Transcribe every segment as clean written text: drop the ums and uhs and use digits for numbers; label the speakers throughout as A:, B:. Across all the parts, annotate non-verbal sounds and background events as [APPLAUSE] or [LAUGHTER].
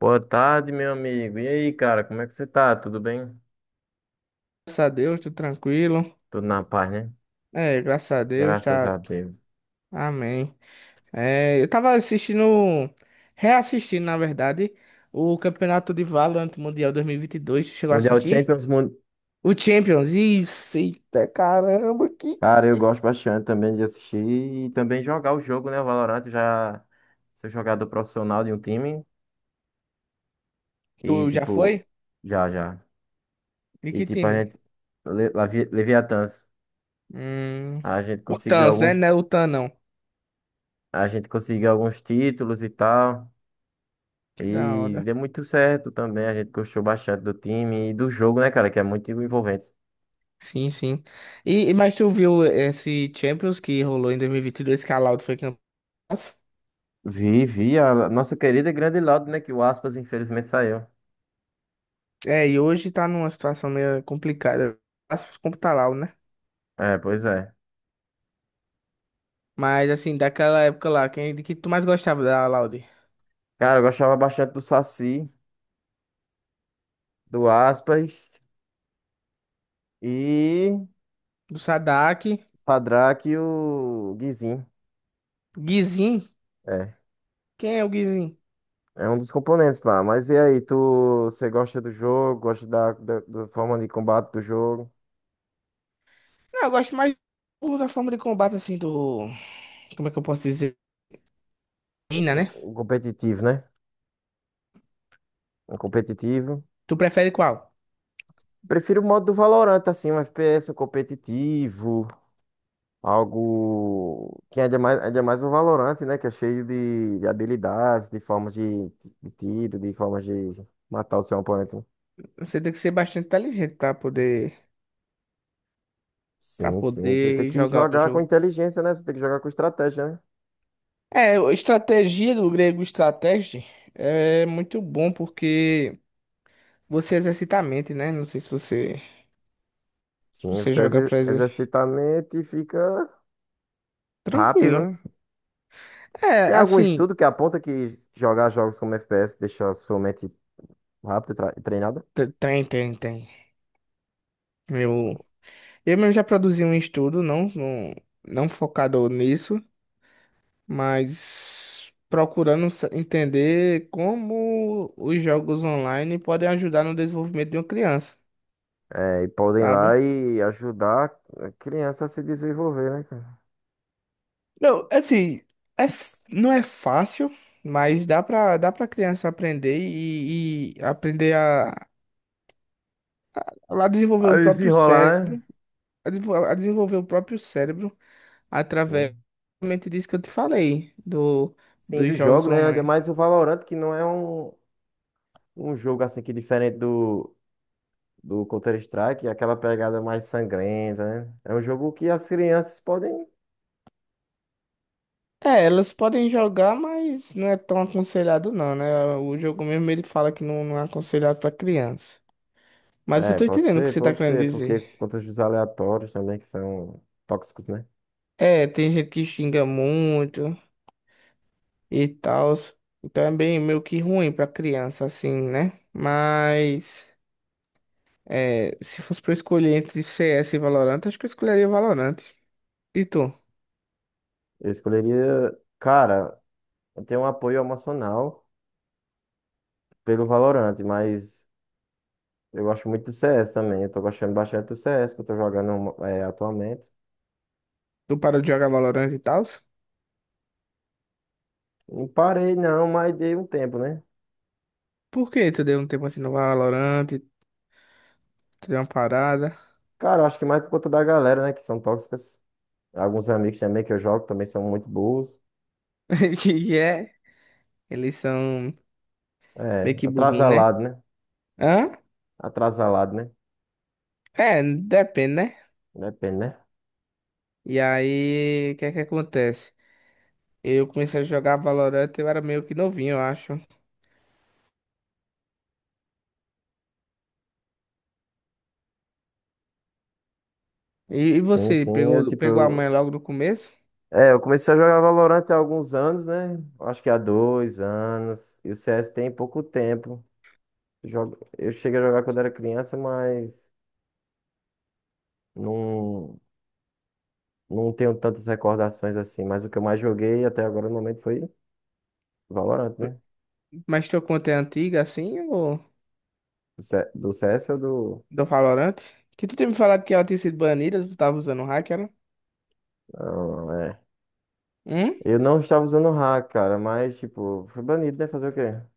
A: Boa tarde, meu amigo. E aí, cara, como é que você tá? Tudo bem?
B: Graças a Deus, tudo tranquilo.
A: Tudo na paz, né?
B: É, graças a Deus,
A: Graças
B: tá.
A: a Deus.
B: Amém. É, eu tava assistindo, reassistindo, na verdade, o Campeonato de Valorant Mundial 2022. Tu chegou a
A: Mundial
B: assistir?
A: Champions,
B: O Champions. Isso, eita, caramba, que.
A: cara, eu gosto bastante também de assistir e também jogar o jogo, né? O Valorant eu já sou jogador profissional de um time e
B: Tu já
A: tipo,
B: foi?
A: já, já.
B: De
A: E
B: que
A: tipo, a
B: time?
A: gente Leviatãs,
B: Hum,
A: a gente
B: o
A: conseguiu
B: Tans, né?
A: alguns
B: Não é o Tan, não.
A: a gente conseguiu alguns títulos e tal.
B: Que da
A: E
B: hora.
A: deu muito certo também, a gente gostou bastante do time e do jogo, né, cara, que é muito envolvente.
B: Sim, sim. Mas tu viu esse Champions que rolou em 2022 que a Loud foi campeã?
A: Vi a nossa querida e grande Laudo, né? Que o Aspas infelizmente saiu.
B: É, e hoje tá numa situação meio complicada. Aspas como tá Lau, né?
A: É, pois é.
B: Mas assim, daquela época lá, quem de que tu mais gostava da Laude?
A: Cara, eu gostava bastante do Saci, do Aspas e
B: Do Sadak,
A: Padraque e o Guizinho.
B: Guizin?
A: É,
B: Quem é o Guizin?
A: é um dos componentes lá. Mas e aí, você gosta do jogo? Gosta da forma de combate do jogo?
B: Não, eu gosto mais do- da forma de combate assim do, como é que eu posso dizer? Ina, né?
A: O competitivo, né? O competitivo.
B: Tu prefere qual?
A: Prefiro o modo do Valorant, assim, um FPS, um competitivo. Algo que é mais, ainda é mais o Valorant, né? Que é cheio de habilidades, de formas de tiro, de formas de matar o seu oponente.
B: Você tem que ser bastante inteligente pra poder para
A: Sim, sim. Você tem
B: poder
A: que
B: jogar o
A: jogar com
B: jogo.
A: inteligência, né? Você tem que jogar com estratégia, né?
B: É, a estratégia do grego estratégia é muito bom porque você exercita a mente, né? Não sei se você se
A: Sim,
B: você
A: você
B: joga pra exer-
A: exercita a mente e fica rápido,
B: Tranquilo.
A: né?
B: É,
A: Tem algum
B: assim,
A: estudo que aponta que jogar jogos como FPS deixa a sua mente rápida e treinada?
B: tem, tem, tem. Eu, eu mesmo já produzi um estudo, não, não, não focado nisso, mas procurando entender como os jogos online podem ajudar no desenvolvimento de uma criança,
A: É, e podem ir
B: sabe?
A: lá e ajudar a criança a se desenvolver, né, cara?
B: Não, assim, é, não é fácil, mas dá pra criança aprender e aprender a desenvolver
A: A
B: o próprio
A: desenrolar, né?
B: cérebro, a desenvolver o próprio cérebro através
A: Sim.
B: realmente disso que eu te falei, do,
A: Sim,
B: dos
A: do
B: jogos
A: jogo, né? Ainda
B: online.
A: mais o Valorant, que não é um jogo assim que diferente do Counter-Strike, é aquela pegada mais sangrenta, né? É um jogo que as crianças podem.
B: É, elas podem jogar, mas não é tão aconselhado não, né? O jogo mesmo ele fala que não, não é aconselhado pra criança. Mas eu
A: É,
B: tô entendendo o que você tá
A: pode
B: querendo
A: ser, porque
B: dizer.
A: contra os aleatórios também, que são tóxicos, né?
B: É, tem gente que xinga muito e tal. Então é bem meio que ruim pra criança, assim, né? Mas é, se fosse pra eu escolher entre CS e Valorant, acho que eu escolheria Valorant. E tu?
A: Eu escolheria. Cara, eu tenho um apoio emocional pelo Valorant, mas eu gosto muito do CS também. Eu tô gostando bastante do CS que eu tô jogando, é, atualmente.
B: Tu parou de jogar Valorant e tal?
A: Não parei, não, mas dei um tempo, né?
B: Por que tu deu um tempo assim no Valorant, tu deu uma parada?
A: Cara, eu acho que mais por conta da galera, né, que são tóxicas. Alguns amigos também que eu jogo também são muito burros.
B: [LAUGHS] Que é, eles são
A: É,
B: meio que burrinho, né?
A: atrasalado, né?
B: Hã?
A: Atrasalado, né?
B: É, depende, né?
A: Depende, né?
B: E aí, o que é que acontece? Eu comecei a jogar Valorant, eu era meio que novinho, eu acho. E
A: Sim,
B: você,
A: sim,
B: pegou, pegou a manha logo no começo?
A: é, eu comecei a jogar Valorant há alguns anos, né? Acho que há 2 anos. E o CS tem pouco tempo. Eu cheguei a jogar quando era criança, mas não, não tenho tantas recordações assim. Mas o que eu mais joguei até agora no momento foi Valorant, né?
B: Mas tua conta é antiga, assim, ou
A: Do C- do ou do.
B: do Valorant? Que tu tinha me falado que ela tinha sido banida, tu tava usando hack, era?
A: Não, é.
B: Hum?
A: Eu não estava usando hack, cara, mas, tipo, foi banido, né? Fazer o quê?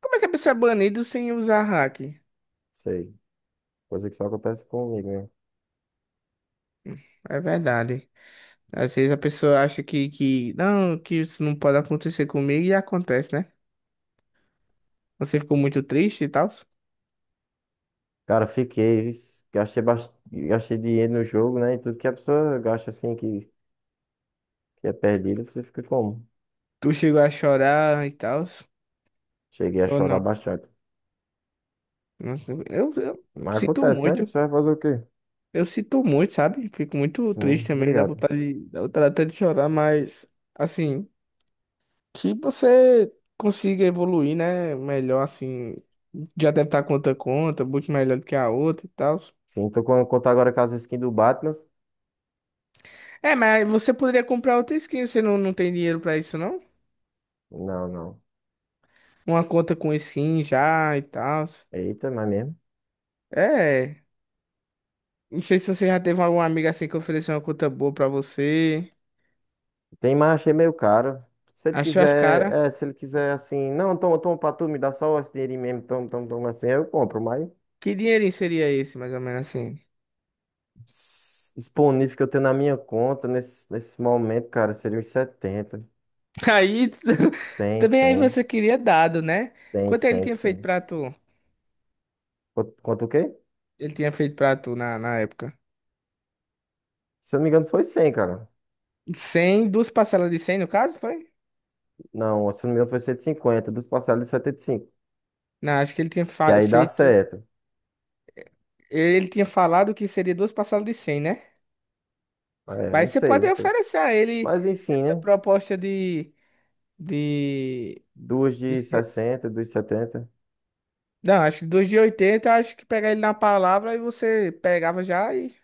B: Como é que a pessoa é banida sem usar hack?
A: Sei. Coisa que só acontece comigo, né?
B: Hum, É verdade. Às vezes a pessoa acha que não, que isso não pode acontecer comigo e acontece, né? Você ficou muito triste e tal?
A: Cara, fiquei, gastei dinheiro no jogo, né? E tudo que a pessoa gasta assim, que é perdido, você fica como?
B: Tu chegou a chorar e tal?
A: Cheguei a
B: Ou
A: chorar
B: não?
A: bastante.
B: Eu
A: Mas
B: sinto
A: acontece, né?
B: muito.
A: Você vai fazer o quê?
B: Eu sinto muito, sabe? Fico muito
A: Sim,
B: triste também, dá
A: obrigado.
B: vontade, de- dá vontade até de chorar, mas assim, que você consiga evoluir, né? Melhor assim. Já deve estar com outra conta, muito melhor do que a outra e tal.
A: Sim, tô com contar agora com as skins do Batman.
B: É, mas você poderia comprar outra skin, você não tem dinheiro pra isso, não?
A: Não, não.
B: Uma conta com skin já e tal.
A: Eita, mas mesmo.
B: É. Não sei se você já teve algum amigo assim que ofereceu uma conta boa pra você.
A: Tem, marcha achei meio caro. Se ele
B: Achou as
A: quiser,
B: caras.
A: é, se ele quiser assim, não, toma, toma pra tu, me dá só esse dinheirinho mesmo, toma, toma, toma assim, eu compro, mas
B: Que dinheirinho seria esse, mais ou menos assim?
A: disponível que eu tenho na minha conta nesse momento, cara, seria uns 70,
B: [LAUGHS] Aí, [LAUGHS]
A: 100,
B: também aí
A: 100,
B: você queria dado, né?
A: 100,
B: Quanto ele
A: 100.
B: tinha feito
A: 100.
B: pra tu?
A: Quanto o quê?
B: Ele tinha feito pra tu na época?
A: Se eu não me engano foi 100, cara.
B: 100, duas parcelas de 100 no caso, foi?
A: Não, se eu não me engano foi 150, dos parcelados de 75,
B: Não, acho que ele tinha
A: que aí dá
B: feito.
A: certo.
B: Ele tinha falado que seria duas parcelas de cem, né?
A: É, não
B: Mas você
A: sei,
B: pode
A: não sei.
B: oferecer a ele
A: Mas enfim,
B: essa
A: né?
B: proposta de
A: Duas de
B: Esse- é,
A: 60, duas de 70,
B: não, acho que dos de 80. Acho que pegar ele na palavra e você pegava já e,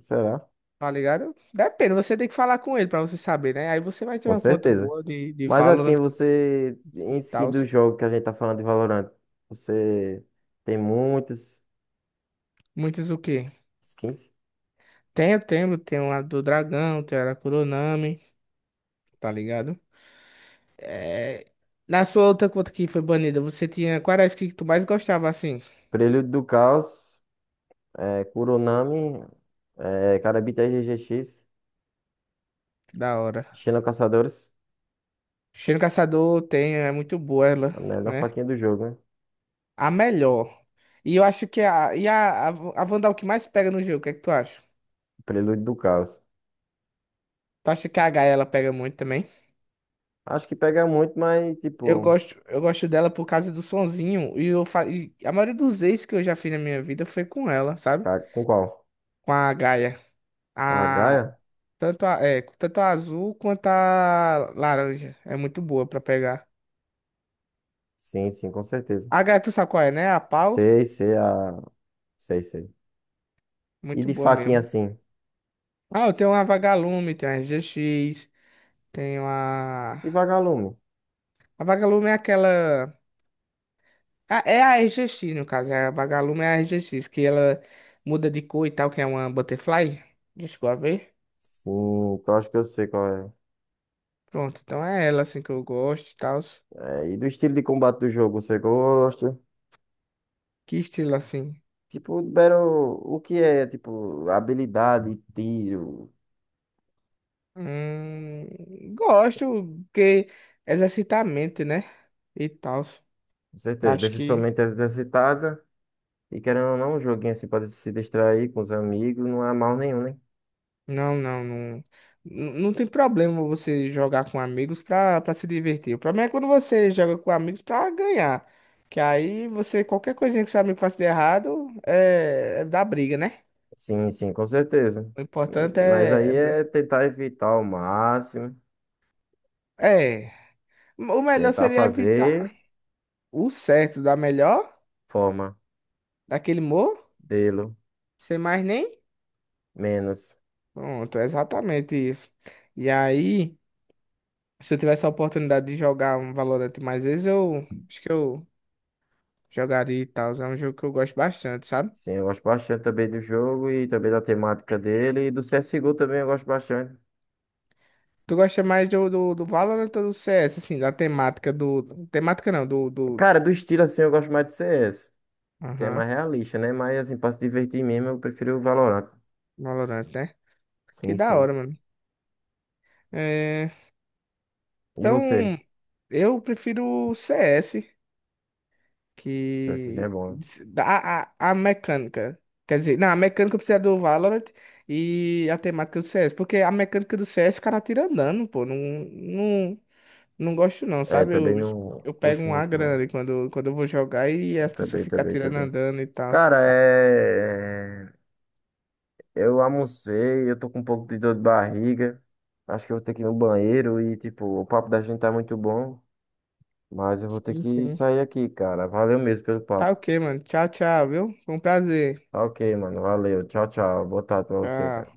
A: será?
B: tá ligado? Depende, você tem que falar com ele pra você saber, né? Aí você vai ter
A: Com
B: uma conta
A: certeza.
B: boa de
A: Mas assim,
B: Valorant com-
A: você, em
B: e
A: skin
B: tal.
A: do jogo que a gente tá falando de Valorant, você tem muitas
B: Muitas o quê?
A: skins.
B: Tenho a do Dragão, tenho a da Kuronami, tá ligado? É... Na sua outra conta que foi banida, você tinha. Qual era a skin que tu mais gostava assim?
A: Prelude do Caos, é, Kuronami, é, Karabita RGX,
B: Da hora.
A: Xena Caçadores,
B: Cheiro Caçador tem, é muito boa ela,
A: a melhor
B: né?
A: faquinha do jogo, né?
B: A melhor. E eu acho que a, e a, a Wanda é que mais pega no jogo, o que é que tu acha?
A: Prelude do Caos.
B: Tu acha que a Gaia ela pega muito também?
A: Acho que pega muito, mas
B: Eu
A: tipo,
B: gosto, eu gosto dela por causa do sonzinho. E a maioria dos ex que eu já fiz na minha vida foi com ela, sabe?
A: com qual?
B: Com a Gaia.
A: Com a Gaia?
B: A, tanto, a, é, tanto a azul quanto a laranja. É muito boa pra pegar.
A: Sim, sim, com certeza.
B: A Gaia, tu sabe qual é, né? A pau.
A: Sei, sei, sei, sei. E
B: Muito
A: de
B: boa
A: faquinha
B: mesmo.
A: assim?
B: Ah, eu tenho uma Vagalume, tenho a RGX, tenho
A: E
B: a.
A: Vagalume?
B: A Vagalume é aquela. Ah, é a RGX, no caso, é a Vagalume é a RGX, que ela muda de cor e tal, que é uma butterfly. Já chegou a ver?
A: Sim, eu acho que eu sei qual é.
B: Pronto, então é ela assim que eu gosto e tal.
A: É, e do estilo de combate do jogo, você gosta?
B: Que estilo assim?
A: Tipo, Battle, o que é, tipo, habilidade, tiro,
B: Gosto, porque exercita a mente, né? E tal.
A: com certeza,
B: Acho
A: deixa sua
B: que
A: mente exercitada. E querendo ou não, um joguinho assim pode se distrair com os amigos, não é mal nenhum, né?
B: não, não, não. Não tem problema você jogar com amigos pra se divertir. O problema é quando você joga com amigos pra ganhar. Que aí você, qualquer coisinha que seu amigo faça de errado, é dá briga, né?
A: Sim, sim, com certeza.
B: O importante
A: Mas aí
B: é.
A: é tentar evitar ao máximo,
B: É. É, o melhor
A: tentar
B: seria evitar
A: fazer
B: o certo da melhor,
A: forma,
B: daquele morro,
A: dele
B: sem mais nem.
A: menos.
B: Pronto, é exatamente isso. E aí, se eu tivesse a oportunidade de jogar um Valorant mais vezes, eu acho que eu jogaria e tal. É um jogo que eu gosto bastante, sabe?
A: Sim, eu gosto bastante também do jogo e também da temática dele. E do CSGO também eu gosto bastante.
B: Tu gosta mais do Valorant ou do CS, assim, da temática do. Temática não, do. Do...
A: Cara, do estilo assim, eu gosto mais de CS, que é
B: Aham,
A: mais realista, né? Mas assim, pra se divertir mesmo, eu prefiro o Valorant.
B: Valorant, né? Que
A: Sim,
B: da
A: sim.
B: hora, mano. É,
A: E
B: então,
A: você?
B: eu prefiro o CS.
A: CSzinho é
B: que
A: bom, né?
B: a, a, a mecânica, quer dizer, não, a mecânica precisa do Valorant e a temática do CS, porque a mecânica do CS o cara tira andando, pô, não, não, não gosto não,
A: É,
B: sabe?
A: também
B: Eu,
A: não
B: eu pego
A: gosto
B: um A
A: muito, não.
B: grande quando eu vou jogar e
A: Eu
B: as pessoas
A: também,
B: ficam
A: também,
B: atirando
A: também.
B: andando e tal,
A: Cara,
B: sabe?
A: eu almocei, eu tô com um pouco de dor de barriga. Acho que eu vou ter que ir no banheiro e, tipo, o papo da gente tá muito bom, mas eu vou ter
B: Sim,
A: que
B: sim.
A: sair aqui, cara. Valeu mesmo pelo
B: Tá
A: papo.
B: OK, mano. Tchau, tchau, viu? Foi um prazer.
A: Tá Ok, mano, valeu. Tchau, tchau. Boa tarde pra você, cara.
B: Tchau.